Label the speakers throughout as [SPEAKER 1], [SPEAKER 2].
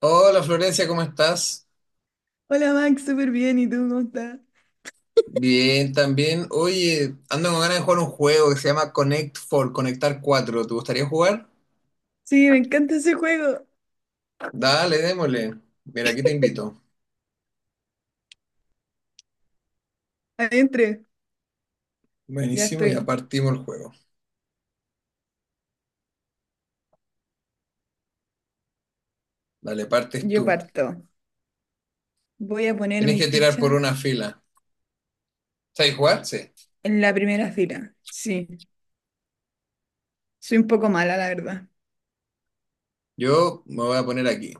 [SPEAKER 1] Hola Florencia, ¿cómo estás?
[SPEAKER 2] Hola Max, súper bien. ¿Y tú cómo estás?
[SPEAKER 1] Bien, también. Oye, ando con ganas de jugar un juego que se llama Connect 4, Conectar cuatro. ¿Te gustaría jugar?
[SPEAKER 2] Sí, me encanta ese juego.
[SPEAKER 1] Dale, démosle. Mira, aquí te invito.
[SPEAKER 2] Adentre. Ya
[SPEAKER 1] Buenísimo, ya
[SPEAKER 2] estoy.
[SPEAKER 1] partimos el juego. Dale, partes
[SPEAKER 2] Yo
[SPEAKER 1] tú.
[SPEAKER 2] parto. Voy a poner
[SPEAKER 1] Tienes
[SPEAKER 2] mi
[SPEAKER 1] que tirar por
[SPEAKER 2] ficha
[SPEAKER 1] una fila. ¿Sabes jugar? Sí.
[SPEAKER 2] en la primera fila. Sí, soy un poco mala, la verdad.
[SPEAKER 1] Yo me voy a poner aquí,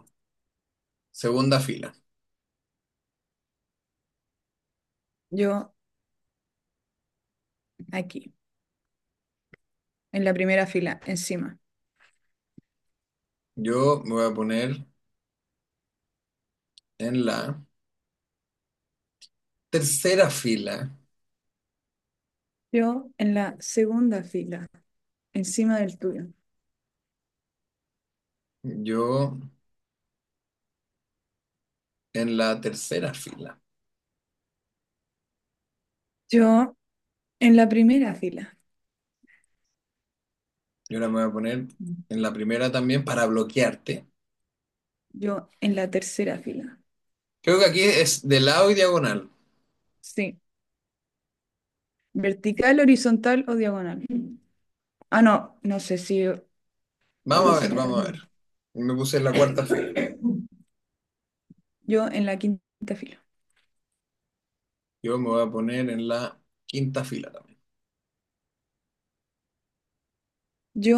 [SPEAKER 1] segunda fila.
[SPEAKER 2] Yo aquí, en la primera fila, encima.
[SPEAKER 1] Yo me voy a poner en la tercera fila.
[SPEAKER 2] Yo en la segunda fila, encima del tuyo.
[SPEAKER 1] Yo en la tercera fila.
[SPEAKER 2] Yo en la primera fila.
[SPEAKER 1] Yo ahora me voy a poner en la primera también para bloquearte.
[SPEAKER 2] Yo en la tercera fila.
[SPEAKER 1] Creo que aquí es de lado y diagonal.
[SPEAKER 2] Sí. ¿Vertical, horizontal o diagonal? Ah, no, no sé si
[SPEAKER 1] Vamos a ver, vamos a
[SPEAKER 2] horizontal.
[SPEAKER 1] ver. Me puse en la cuarta fila.
[SPEAKER 2] Yo en la quinta fila.
[SPEAKER 1] Yo me voy a poner en la quinta fila también.
[SPEAKER 2] Yo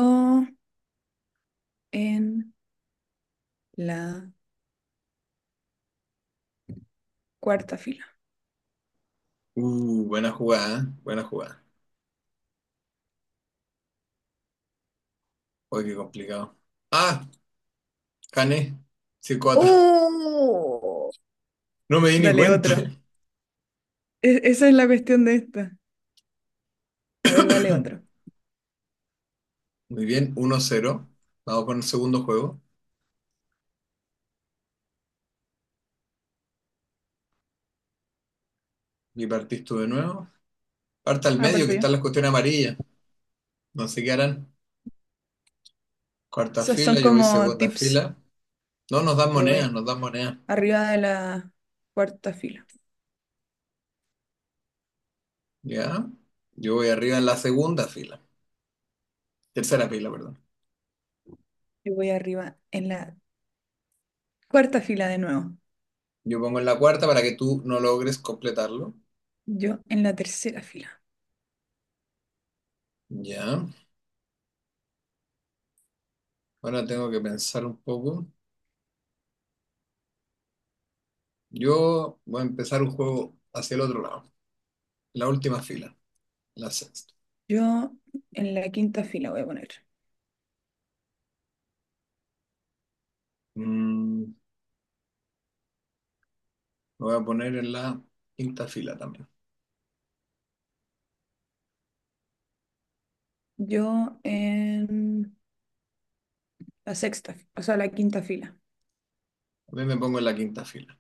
[SPEAKER 2] en la cuarta fila.
[SPEAKER 1] Buena jugada, ¿eh? Buena jugada. Uy, qué complicado. Ah, gané. 5 cuatro.
[SPEAKER 2] ¡Uh!
[SPEAKER 1] No me di ni
[SPEAKER 2] Dale
[SPEAKER 1] cuenta.
[SPEAKER 2] otro. Esa es la cuestión de esta. A ver, dale otro.
[SPEAKER 1] Muy bien, uno cero. Vamos con el segundo juego. Y partís tú de nuevo. Parta al
[SPEAKER 2] Ah,
[SPEAKER 1] medio, que
[SPEAKER 2] parto yo.
[SPEAKER 1] están las cuestiones amarillas. No sé qué harán. Cuarta
[SPEAKER 2] Esos son
[SPEAKER 1] fila, yo voy
[SPEAKER 2] como
[SPEAKER 1] segunda
[SPEAKER 2] tips.
[SPEAKER 1] fila. No, nos dan
[SPEAKER 2] Yo voy
[SPEAKER 1] monedas, nos dan monedas.
[SPEAKER 2] arriba de la cuarta fila.
[SPEAKER 1] Ya. Yo voy arriba en la segunda fila. Tercera pila, perdón.
[SPEAKER 2] Yo voy arriba en la cuarta fila de nuevo.
[SPEAKER 1] Yo pongo en la cuarta para que tú no logres completarlo.
[SPEAKER 2] Yo en la tercera fila.
[SPEAKER 1] Ya. Ahora tengo que pensar un poco. Yo voy a empezar un juego hacia el otro lado. La última fila, la sexta.
[SPEAKER 2] Yo en la quinta fila voy a poner.
[SPEAKER 1] Me voy a poner en la quinta fila también.
[SPEAKER 2] Yo en la sexta, o sea, la quinta fila.
[SPEAKER 1] También me pongo en la quinta fila.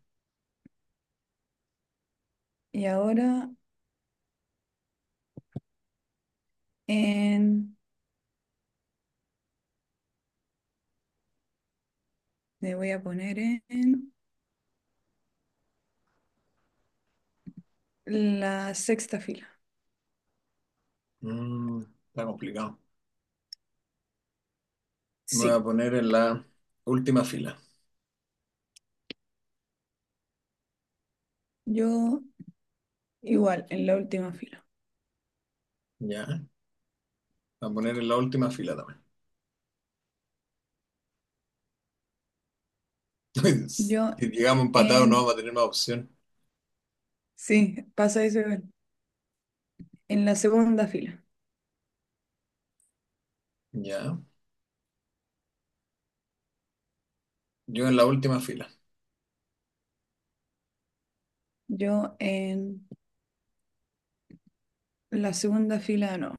[SPEAKER 2] Y ahora En, me voy a poner en la sexta fila.
[SPEAKER 1] Mm, está complicado. Me voy a
[SPEAKER 2] Sí,
[SPEAKER 1] poner en la última fila.
[SPEAKER 2] yo igual, en la última fila.
[SPEAKER 1] Ya. Me voy a poner en la última fila también.
[SPEAKER 2] Yo
[SPEAKER 1] Si llegamos empatados no
[SPEAKER 2] en,
[SPEAKER 1] vamos a tener más opción.
[SPEAKER 2] sí, pasa eso igual. En la segunda fila.
[SPEAKER 1] Ya. Yo en la última fila.
[SPEAKER 2] Yo en la segunda fila, no.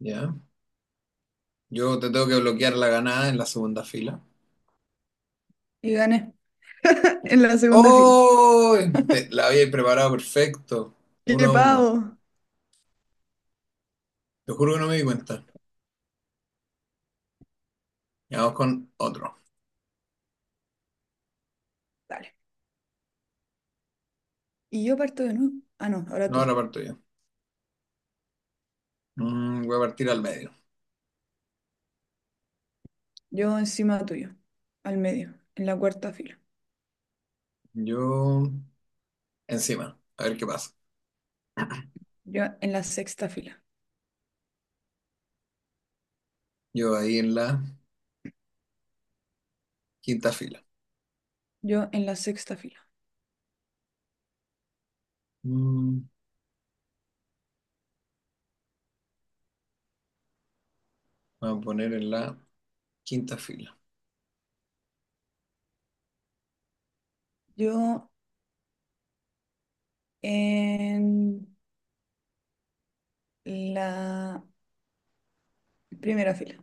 [SPEAKER 1] Ya. Yo te tengo que bloquear la ganada en la segunda fila.
[SPEAKER 2] Y gané en la segunda fila.
[SPEAKER 1] ¡Oh! Te- la había preparado perfecto. Uno
[SPEAKER 2] ¡Qué
[SPEAKER 1] a uno.
[SPEAKER 2] pavo!
[SPEAKER 1] Te juro que no me di cuenta. Y vamos con otro.
[SPEAKER 2] Dale. Y yo parto de nuevo. Ah, no, ahora
[SPEAKER 1] No,
[SPEAKER 2] tú.
[SPEAKER 1] ahora parto yo. Voy a partir al medio.
[SPEAKER 2] Yo encima tuyo, al medio, en la cuarta fila.
[SPEAKER 1] Yo encima. A ver qué pasa.
[SPEAKER 2] Yo en la sexta fila.
[SPEAKER 1] Yo ahí en la quinta fila.
[SPEAKER 2] Yo en la sexta fila.
[SPEAKER 1] Mm, me voy a poner en la quinta fila.
[SPEAKER 2] Yo En la primera fila.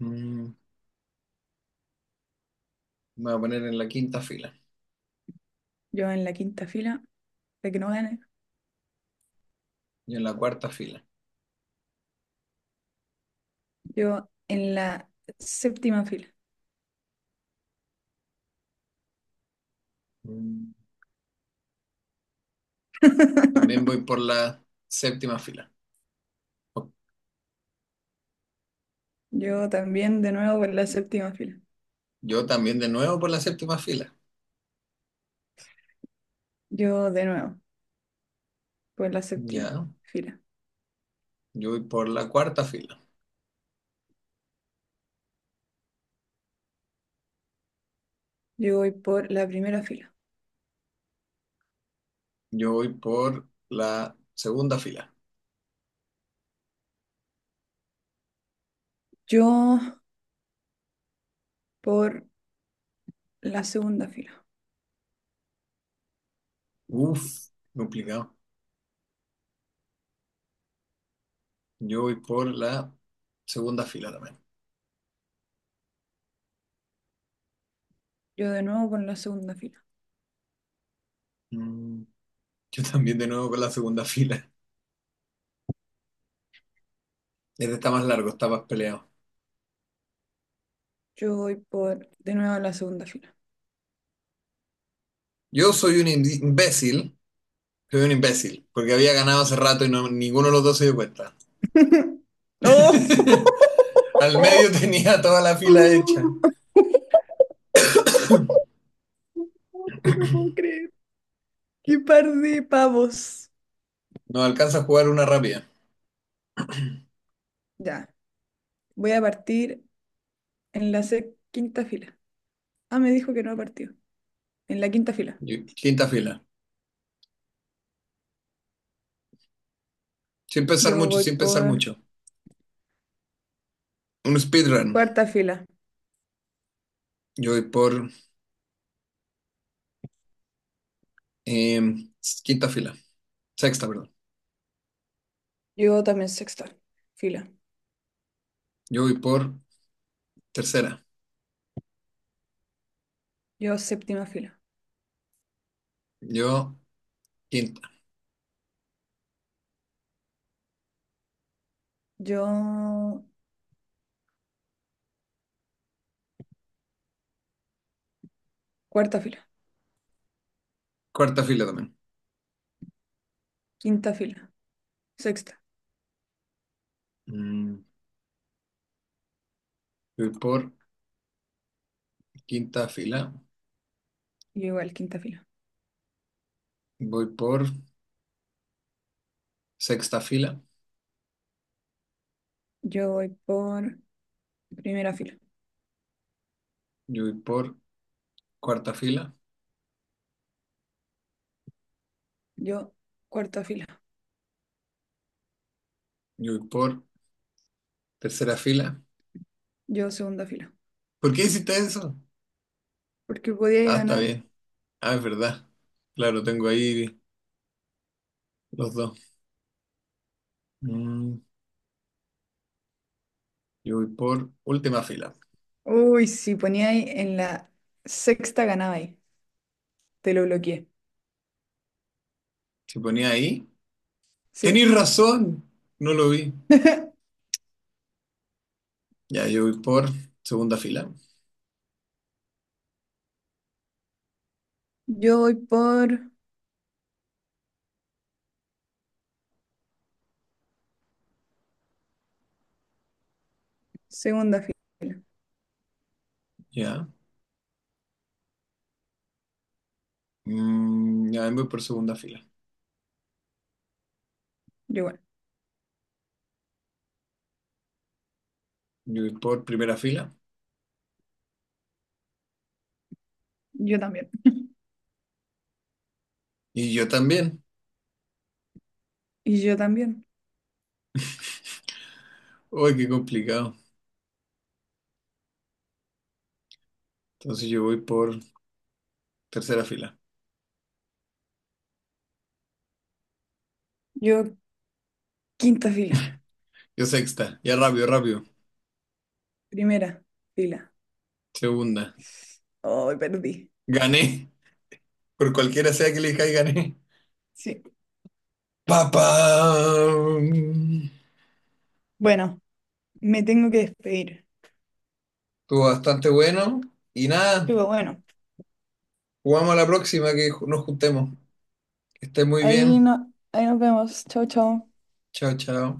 [SPEAKER 1] Mm, me voy a poner en la quinta fila.
[SPEAKER 2] Yo en la quinta fila, de que no gane.
[SPEAKER 1] Yo en la cuarta fila.
[SPEAKER 2] Yo en la séptima fila.
[SPEAKER 1] Mm, también voy por la séptima fila.
[SPEAKER 2] Yo también de nuevo por la séptima fila.
[SPEAKER 1] Yo también de nuevo por la séptima fila.
[SPEAKER 2] Yo de nuevo por la séptima
[SPEAKER 1] Ya.
[SPEAKER 2] fila.
[SPEAKER 1] Yo voy por la cuarta fila.
[SPEAKER 2] Yo voy por la primera fila.
[SPEAKER 1] Yo voy por la segunda fila.
[SPEAKER 2] Yo por la segunda fila.
[SPEAKER 1] Uf, complicado. Yo voy por la segunda fila también.
[SPEAKER 2] Yo de nuevo por la segunda fila.
[SPEAKER 1] Mm, yo también de nuevo con la segunda fila. Este está más largo, está más peleado.
[SPEAKER 2] Yo voy por de nuevo la segunda fila.
[SPEAKER 1] Yo soy un imbécil. Soy un imbécil, porque había ganado hace rato y no, ninguno de los dos se dio cuenta.
[SPEAKER 2] ¡No!
[SPEAKER 1] Al
[SPEAKER 2] ¡Oh!
[SPEAKER 1] medio tenía toda la fila hecha.
[SPEAKER 2] No te lo puedo creer. ¡Qué par de pavos!
[SPEAKER 1] No alcanza a jugar una rápida.
[SPEAKER 2] Ya, voy a partir en la quinta fila. Ah, me dijo que no ha partido. En la quinta fila.
[SPEAKER 1] Quinta fila. Sin pensar
[SPEAKER 2] Yo
[SPEAKER 1] mucho,
[SPEAKER 2] voy
[SPEAKER 1] sin pensar
[SPEAKER 2] por
[SPEAKER 1] mucho. Un speedrun.
[SPEAKER 2] cuarta fila.
[SPEAKER 1] Yo voy por Em, quinta fila. Sexta, perdón.
[SPEAKER 2] Yo también sexta fila.
[SPEAKER 1] Yo voy por tercera.
[SPEAKER 2] Yo séptima fila.
[SPEAKER 1] Yo, quinta.
[SPEAKER 2] Yo cuarta fila.
[SPEAKER 1] Cuarta fila también.
[SPEAKER 2] Quinta fila. Sexta.
[SPEAKER 1] Mm, yo voy por quinta fila.
[SPEAKER 2] Yo igual, quinta fila.
[SPEAKER 1] Voy por sexta fila.
[SPEAKER 2] Yo voy por primera fila.
[SPEAKER 1] Yo voy por cuarta fila.
[SPEAKER 2] Yo cuarta fila.
[SPEAKER 1] Yo voy por tercera fila.
[SPEAKER 2] Yo segunda fila.
[SPEAKER 1] ¿Por qué hiciste eso?
[SPEAKER 2] Porque podíais
[SPEAKER 1] Ah, está
[SPEAKER 2] ganar.
[SPEAKER 1] bien. Ah, es verdad. Claro, tengo ahí los dos. Mm, yo voy por última fila.
[SPEAKER 2] Uy, si poníais en la sexta ganabais. Te lo bloqueé.
[SPEAKER 1] Si ponía ahí.
[SPEAKER 2] Sí.
[SPEAKER 1] Tenéis razón. No lo vi. Ya, yo voy por segunda fila.
[SPEAKER 2] Yo voy por segunda fila.
[SPEAKER 1] Ya. Ya, voy por segunda fila.
[SPEAKER 2] Yo igual.
[SPEAKER 1] Yo voy por primera fila.
[SPEAKER 2] Yo también.
[SPEAKER 1] Y yo también.
[SPEAKER 2] Y yo también.
[SPEAKER 1] Uy, qué complicado. Entonces yo voy por tercera fila.
[SPEAKER 2] Yo quinta fila.
[SPEAKER 1] Yo sexta. Ya rápido, rápido.
[SPEAKER 2] Primera fila.
[SPEAKER 1] Segunda.
[SPEAKER 2] Hoy perdí.
[SPEAKER 1] Gané. Por cualquiera sea que elija y gané.
[SPEAKER 2] Sí.
[SPEAKER 1] ¡Papá!
[SPEAKER 2] Bueno, me tengo que despedir.
[SPEAKER 1] Estuvo bastante bueno. Y nada,
[SPEAKER 2] Pero bueno,
[SPEAKER 1] jugamos a la próxima que nos juntemos. Que esté muy
[SPEAKER 2] ahí
[SPEAKER 1] bien.
[SPEAKER 2] no, ahí nos vemos. Chau, chau.
[SPEAKER 1] Chao, chao.